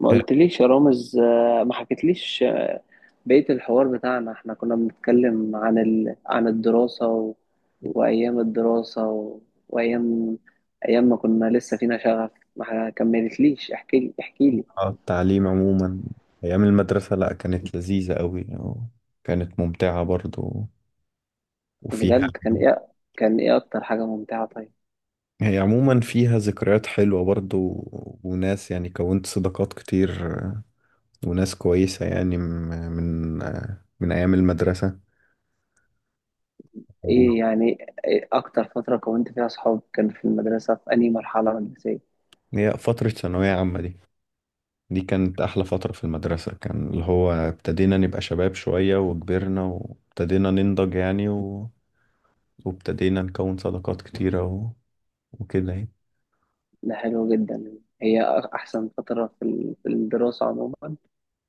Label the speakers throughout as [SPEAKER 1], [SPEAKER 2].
[SPEAKER 1] ما
[SPEAKER 2] آه،
[SPEAKER 1] قلتليش يا رامز آه، ما حكيتليش آه، بقية الحوار بتاعنا احنا كنا بنتكلم عن الدراسة وأيام الدراسة و... وأيام أيام ما كنا لسه فينا شغف. ما كملتليش، احكيلي
[SPEAKER 2] آه، التعليم عموما. أيام المدرسة لأ كانت لذيذة أوي، وكانت ممتعة برضو. وفيها
[SPEAKER 1] بجد. كان ايه؟ كان ايه أكتر حاجة ممتعة طيب؟
[SPEAKER 2] هي عموما فيها ذكريات حلوة برضو، وناس يعني كونت صداقات كتير وناس كويسة يعني من أيام المدرسة. وهي
[SPEAKER 1] ايه يعني، إيه أكتر فترة كونت فيها صحاب؟ كان في المدرسة في أنهي مرحلة مدرسية؟
[SPEAKER 2] فترة ثانوية عامة دي كانت أحلى فترة في المدرسة، كان اللي هو ابتدينا نبقى شباب شوية، وكبرنا وابتدينا ننضج يعني، وابتدينا نكون صداقات كتيرة، وكده يعني.
[SPEAKER 1] ده حلو جدا. هي أحسن فترة في في الدراسة عموما؟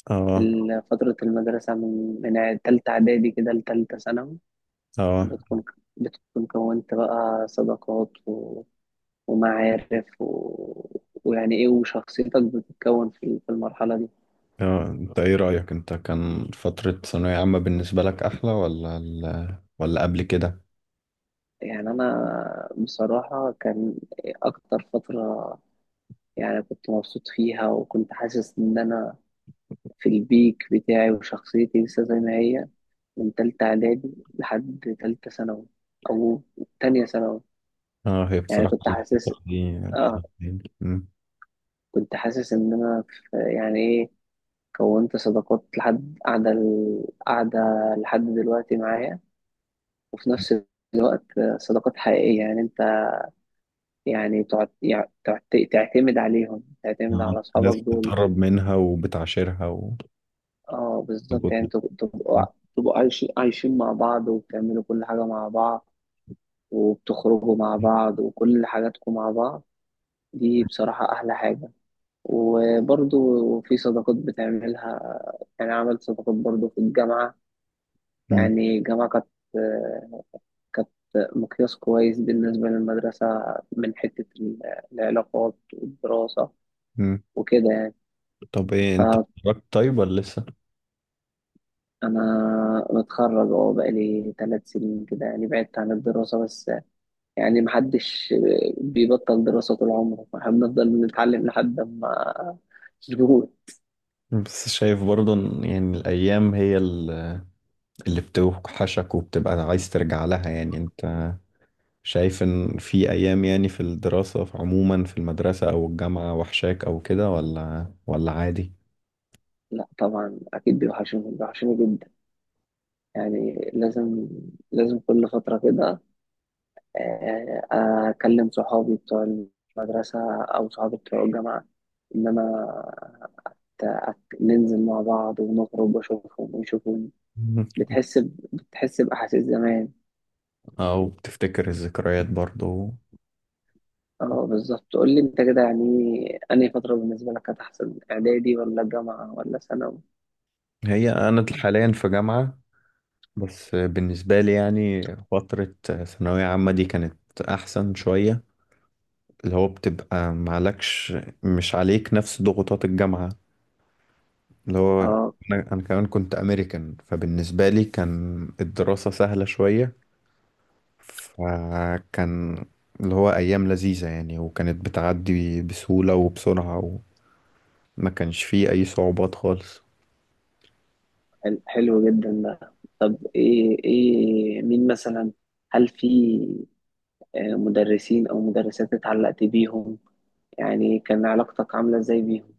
[SPEAKER 2] اه،
[SPEAKER 1] ال- فترة المدرسة من تالتة إعدادي كده لتالتة ثانوي
[SPEAKER 2] اه،
[SPEAKER 1] بتكون بتكون كونت بقى صداقات ومعارف ويعني إيه، وشخصيتك بتتكون في المرحلة دي.
[SPEAKER 2] اه، انت ايه رأيك انت، كان فترة ثانوية عامة بالنسبة لك احلى، ولا ولا قبل كده؟
[SPEAKER 1] يعني أنا بصراحة، كان أكتر فترة يعني كنت مبسوط فيها وكنت حاسس إن أنا في البيك بتاعي وشخصيتي لسه زي ما هي، من تالتة إعدادي لحد تالتة ثانوي أو تانية ثانوي.
[SPEAKER 2] اه، هي
[SPEAKER 1] يعني
[SPEAKER 2] بصراحة
[SPEAKER 1] كنت حاسس،
[SPEAKER 2] الفترة دي
[SPEAKER 1] اه
[SPEAKER 2] الحقيقة يعني، مم.
[SPEAKER 1] كنت حاسس إن أنا في يعني إيه، كونت صداقات لحد قاعدة لحد دلوقتي معايا. وفي نفس الوقت صداقات حقيقية، يعني أنت يعني تقعد تعتمد عليهم، تعتمد على
[SPEAKER 2] آه. ناس
[SPEAKER 1] أصحابك دول.
[SPEAKER 2] بتقرب منها وبتعاشرها
[SPEAKER 1] أه بالظبط، يعني تبقوا عايشين عايشين مع بعض، وبتعملوا كل حاجة مع بعض، وبتخرجوا مع بعض، وكل حاجاتكم مع بعض. دي بصراحة أحلى حاجة. وبرضو في صداقات بتعملها، يعني عملت صداقات برضو في الجامعة.
[SPEAKER 2] مم.
[SPEAKER 1] يعني الجامعة كانت، كانت مقياس كويس بالنسبة للمدرسة، من حتة ال- العلاقات والدراسة
[SPEAKER 2] مم.
[SPEAKER 1] وكده يعني.
[SPEAKER 2] طب، ايه انت
[SPEAKER 1] فأنا
[SPEAKER 2] اتخرجت طيب ولا لسه؟
[SPEAKER 1] متخرج أهو، بقالي 3 سنين كده يعني بعدت عن الدراسة، بس يعني محدش بيبطل دراسة طول عمره، احنا بنفضل نتعلم لحد ما نقول.
[SPEAKER 2] بس شايف برضه إن يعني الايام هي اللي بتوحشك، وبتبقى عايز ترجع لها، يعني انت شايف ان في ايام يعني في الدراسة في عموما في المدرسة او الجامعة، وحشاك او كده، ولا عادي؟
[SPEAKER 1] لا طبعا أكيد بيوحشوني، بيوحشوني جدا. يعني لازم، لازم كل فترة كده آه، اكلم صحابي بتوع المدرسه او صحابي بتوع الجامعه، ان انا ننزل مع بعض ونخرج واشوفهم ويشوفوني.
[SPEAKER 2] مم.
[SPEAKER 1] بتحس بتحس باحاسيس زمان.
[SPEAKER 2] او بتفتكر الذكريات برضو.
[SPEAKER 1] اه بالظبط. قول لي انت كده يعني، انهي فتره بالنسبه لك كانت احسن؟ اعدادي ولا الجامعه ولا ثانوي؟
[SPEAKER 2] هي انا حاليا في جامعة، بس بالنسبة لي يعني فترة ثانوية عامة دي كانت احسن شوية، اللي هو بتبقى معلكش، مش عليك نفس ضغوطات الجامعة، اللي هو
[SPEAKER 1] اه
[SPEAKER 2] أنا كمان كنت امريكان، فبالنسبة لي كان الدراسة سهلة شوية، فكان اللي هو أيام لذيذة يعني، وكانت بتعدي بسهولة وبسرعة، وما كانش فيه أي صعوبات خالص.
[SPEAKER 1] حلو جدا ده. ايه، ايه مين مثلا؟ هل في مدرسين او مدرسات اتعلقت بيهم؟ يعني كان علاقتك عامله ازاي بيهم؟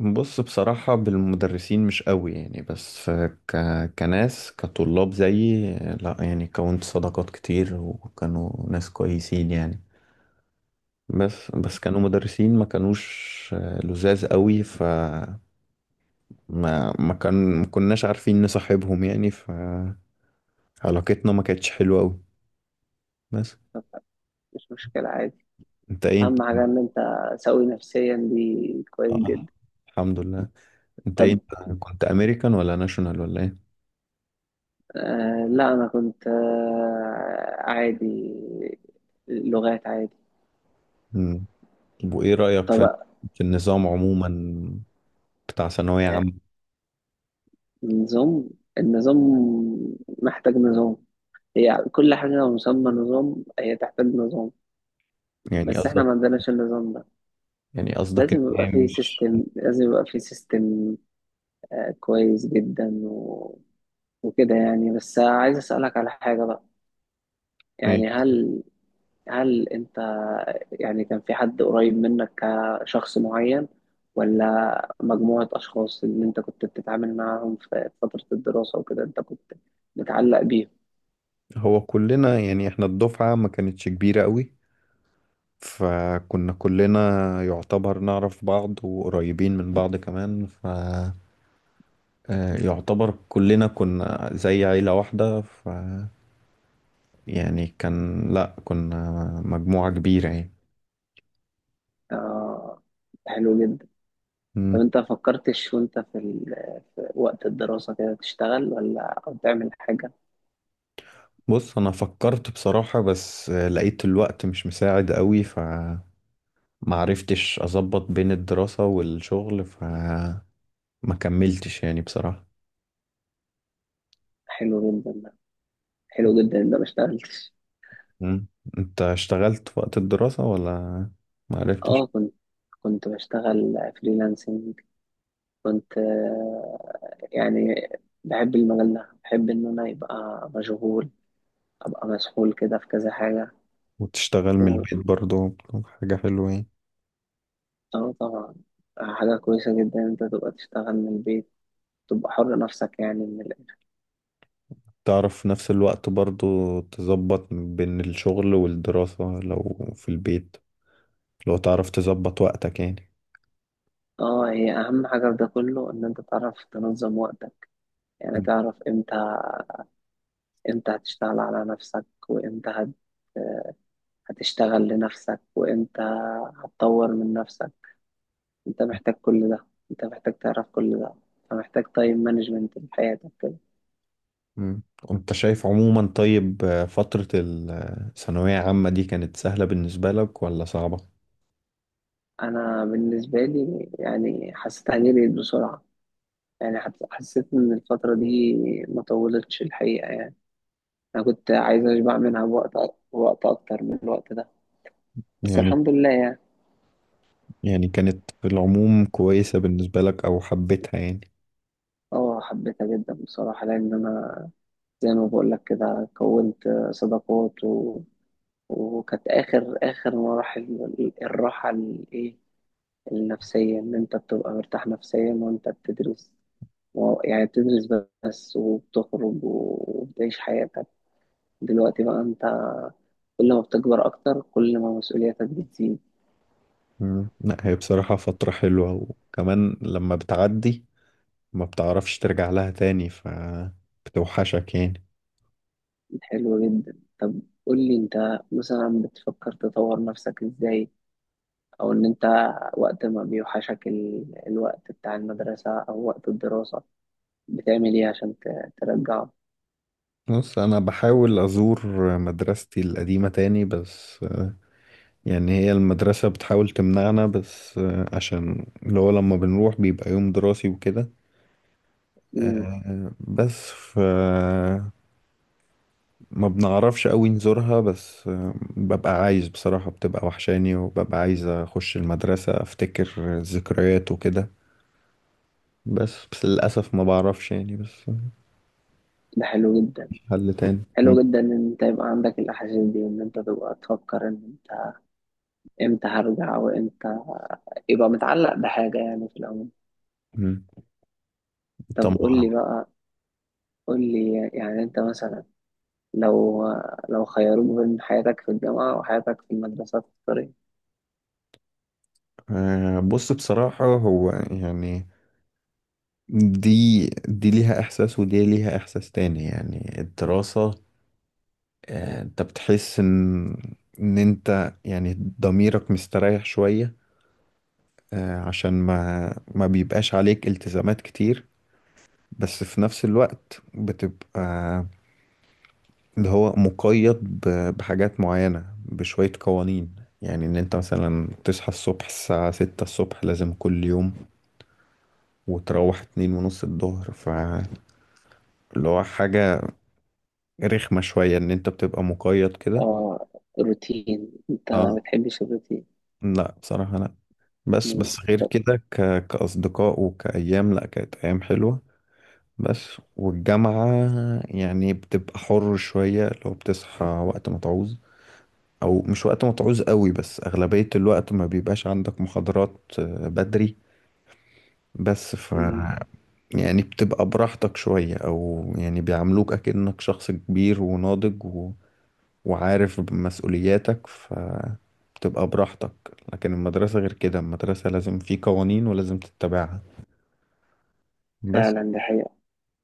[SPEAKER 2] بص بصراحة بالمدرسين مش قوي يعني، بس ك... كناس كطلاب زيي لا يعني كونت صداقات كتير، وكانوا ناس كويسين يعني. بس كانوا مدرسين ما كانوش لزاز قوي، ف ما ما كان ما كناش عارفين نصاحبهم يعني، فعلاقتنا ما كانتش حلوة قوي بس.
[SPEAKER 1] طب مش مشكله، عادي.
[SPEAKER 2] انت ايه انت
[SPEAKER 1] اهم حاجه ان انت سوي نفسيا، دي كويس جدا.
[SPEAKER 2] آه. الحمد لله انت ايه
[SPEAKER 1] طب،
[SPEAKER 2] انت كنت امريكان ولا ناشونال ولا ايه؟
[SPEAKER 1] آه لا انا كنت آه عادي، لغات عادي.
[SPEAKER 2] مم. طب، وايه رأيك في
[SPEAKER 1] طب
[SPEAKER 2] النظام عموما بتاع ثانوية عامة؟
[SPEAKER 1] نظام، النظام محتاج نظام. هي كل حاجه لو مسمى نظام هي تحتاج نظام.
[SPEAKER 2] يعني
[SPEAKER 1] بس احنا
[SPEAKER 2] قصدك،
[SPEAKER 1] ما عندناش النظام ده.
[SPEAKER 2] ان
[SPEAKER 1] لازم
[SPEAKER 2] هي
[SPEAKER 1] يبقى فيه
[SPEAKER 2] مش...
[SPEAKER 1] سيستم، لازم يبقى فيه سيستم كويس جدا وكده يعني. بس عايز اسالك على حاجه بقى.
[SPEAKER 2] إيه؟
[SPEAKER 1] يعني هل، هل انت يعني كان في حد قريب منك كشخص معين، ولا مجموعة أشخاص اللي انت كنت بتتعامل معاهم في فترة الدراسة وكده انت كنت متعلق بيهم؟
[SPEAKER 2] هو كلنا يعني احنا الدفعة ما كانتش كبيرة قوي، فكنا كلنا يعتبر نعرف بعض وقريبين من بعض كمان، ف آه، يعتبر كلنا كنا زي عيلة واحدة، ف يعني كان لا كنا مجموعة كبيرة
[SPEAKER 1] آه، حلو جدا. طب
[SPEAKER 2] يعني.
[SPEAKER 1] انت فكرتش وانت في، في وقت الدراسة كده تشتغل، ولا أو تعمل حاجة؟
[SPEAKER 2] بص انا فكرت بصراحة، بس لقيت الوقت مش مساعد قوي، فمعرفتش اظبط بين الدراسة والشغل، فما كملتش يعني بصراحة.
[SPEAKER 1] حلو جدا ده، حلو جدا ان انا ما اشتغلتش.
[SPEAKER 2] مم. انت اشتغلت في وقت الدراسة ولا؟ معرفتش.
[SPEAKER 1] اه كنت، بشتغل فريلانسنج. كنت يعني بحب المجال ده، بحب إن أنا يبقى مشغول، أبقى مسحول كده في كذا حاجة
[SPEAKER 2] وتشتغل من
[SPEAKER 1] و...
[SPEAKER 2] البيت برضو، حاجة حلوة يعني،
[SPEAKER 1] آه طبعا، حاجة كويسة جدا إن أنت تبقى تشتغل من البيت، تبقى حر نفسك يعني من
[SPEAKER 2] تعرف في نفس الوقت برضو تظبط بين الشغل والدراسة، لو في البيت لو تعرف تظبط وقتك يعني.
[SPEAKER 1] آه هي أهم حاجة في ده كله إن أنت تعرف تنظم وقتك. يعني تعرف إمتى، إمتى هتشتغل على نفسك، هتشتغل لنفسك، وإمتى هتطور من نفسك. أنت محتاج كل ده، أنت محتاج تعرف كل ده، أنت محتاج تايم مانجمنت في حياتك.
[SPEAKER 2] مم. وانت شايف عموما طيب، فترة الثانوية عامة دي كانت سهلة بالنسبة لك ولا صعبة؟
[SPEAKER 1] انا بالنسبه لي يعني حسيت عليه بقيت بسرعه. يعني حسيت ان الفتره دي ما طولتش الحقيقه يعني. انا كنت عايز اشبع منها بوقت وقت اكتر من الوقت ده، بس
[SPEAKER 2] يعني
[SPEAKER 1] الحمد لله يعني.
[SPEAKER 2] يعني كانت في العموم كويسة بالنسبة لك أو حبيتها يعني.
[SPEAKER 1] اه حبيتها جدا بصراحه لان انا زي ما بقول لك كده، كونت صداقات وكانت اخر مراحل ال- الراحه الايه، النفسيه، ان انت بتبقى مرتاح نفسيا وانت بتدرس، يعني بتدرس بس وبتخرج وبتعيش حياتك. دلوقتي بقى انت كل ما بتكبر اكتر كل ما مسؤولياتك بتزيد.
[SPEAKER 2] مم. لا هي بصراحة فترة حلوة، وكمان لما بتعدي ما بتعرفش ترجع لها تاني فبتوحشك يعني.
[SPEAKER 1] حلو جدا. طب قول لي انت مثلا بتفكر تطور نفسك ازاي، او ان انت وقت ما بيوحشك الوقت بتاع المدرسة او وقت الدراسة، بتعمل ايه عشان ترجعه؟
[SPEAKER 2] بص أنا بحاول أزور مدرستي القديمة تاني بس يعني هي المدرسة بتحاول تمنعنا بس عشان اللي هو لما بنروح بيبقى يوم دراسي وكده
[SPEAKER 1] مم.
[SPEAKER 2] بس ف ما بنعرفش قوي نزورها بس ببقى عايز بصراحة، بتبقى وحشاني، وببقى عايز أخش المدرسة أفتكر الذكريات وكده، بس للأسف ما بعرفش يعني بس.
[SPEAKER 1] ده حلو جدا،
[SPEAKER 2] مش حل تاني
[SPEAKER 1] حلو جدا ان انت يبقى عندك الاحاسيس دي، وان انت تبقى تفكر ان انت امتى هرجع وامتى، يبقى متعلق بحاجة يعني في العموم.
[SPEAKER 2] م.
[SPEAKER 1] طب قول
[SPEAKER 2] طبعا.
[SPEAKER 1] لي بقى، قول لي يعني انت مثلا لو، لو خيروك بين حياتك في الجامعة وحياتك في المدرسة تختار ايه؟
[SPEAKER 2] بص بصراحة هو يعني، دي ليها إحساس ودي ليها إحساس تاني يعني الدراسة، أنت بتحس إن أنت يعني ضميرك مستريح شوية، عشان ما بيبقاش عليك التزامات كتير، بس في نفس الوقت بتبقى اللي هو مقيد، بحاجات معينة بشوية قوانين، يعني ان انت مثلا تصحى الصبح الساعة 6 الصبح لازم كل يوم، وتروح 2:30 الظهر، فاللي هو حاجة رخمة شوية ان انت بتبقى مقيد كده.
[SPEAKER 1] اه الروتين، انت ما
[SPEAKER 2] اه،
[SPEAKER 1] بتحبش الروتين.
[SPEAKER 2] لا بصراحة لا، بس
[SPEAKER 1] مم.
[SPEAKER 2] بس غير كده كأصدقاء وكأيام لا كانت أيام حلوة بس. والجامعة يعني بتبقى حر شوية، لو بتصحى وقت ما تعوز أو مش وقت ما تعوز قوي، بس أغلبية الوقت ما بيبقاش عندك محاضرات بدري بس
[SPEAKER 1] مم.
[SPEAKER 2] يعني بتبقى براحتك شوية، أو يعني بيعاملوك أكنك شخص كبير وناضج، و... وعارف مسؤولياتك، ف بتبقى براحتك. لكن المدرسة غير كده، المدرسة لازم في قوانين ولازم تتبعها بس.
[SPEAKER 1] فعلا دي حقيقة.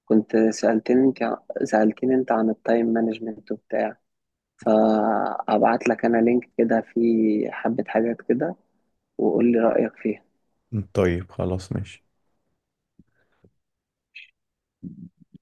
[SPEAKER 1] كنت سألتني انت، سألتني انت عن التايم مانجمنت وبتاع، فأبعت لك انا لينك كده فيه حبة حاجات كده، وقول لي رأيك فيها.
[SPEAKER 2] طيب خلاص ماشي.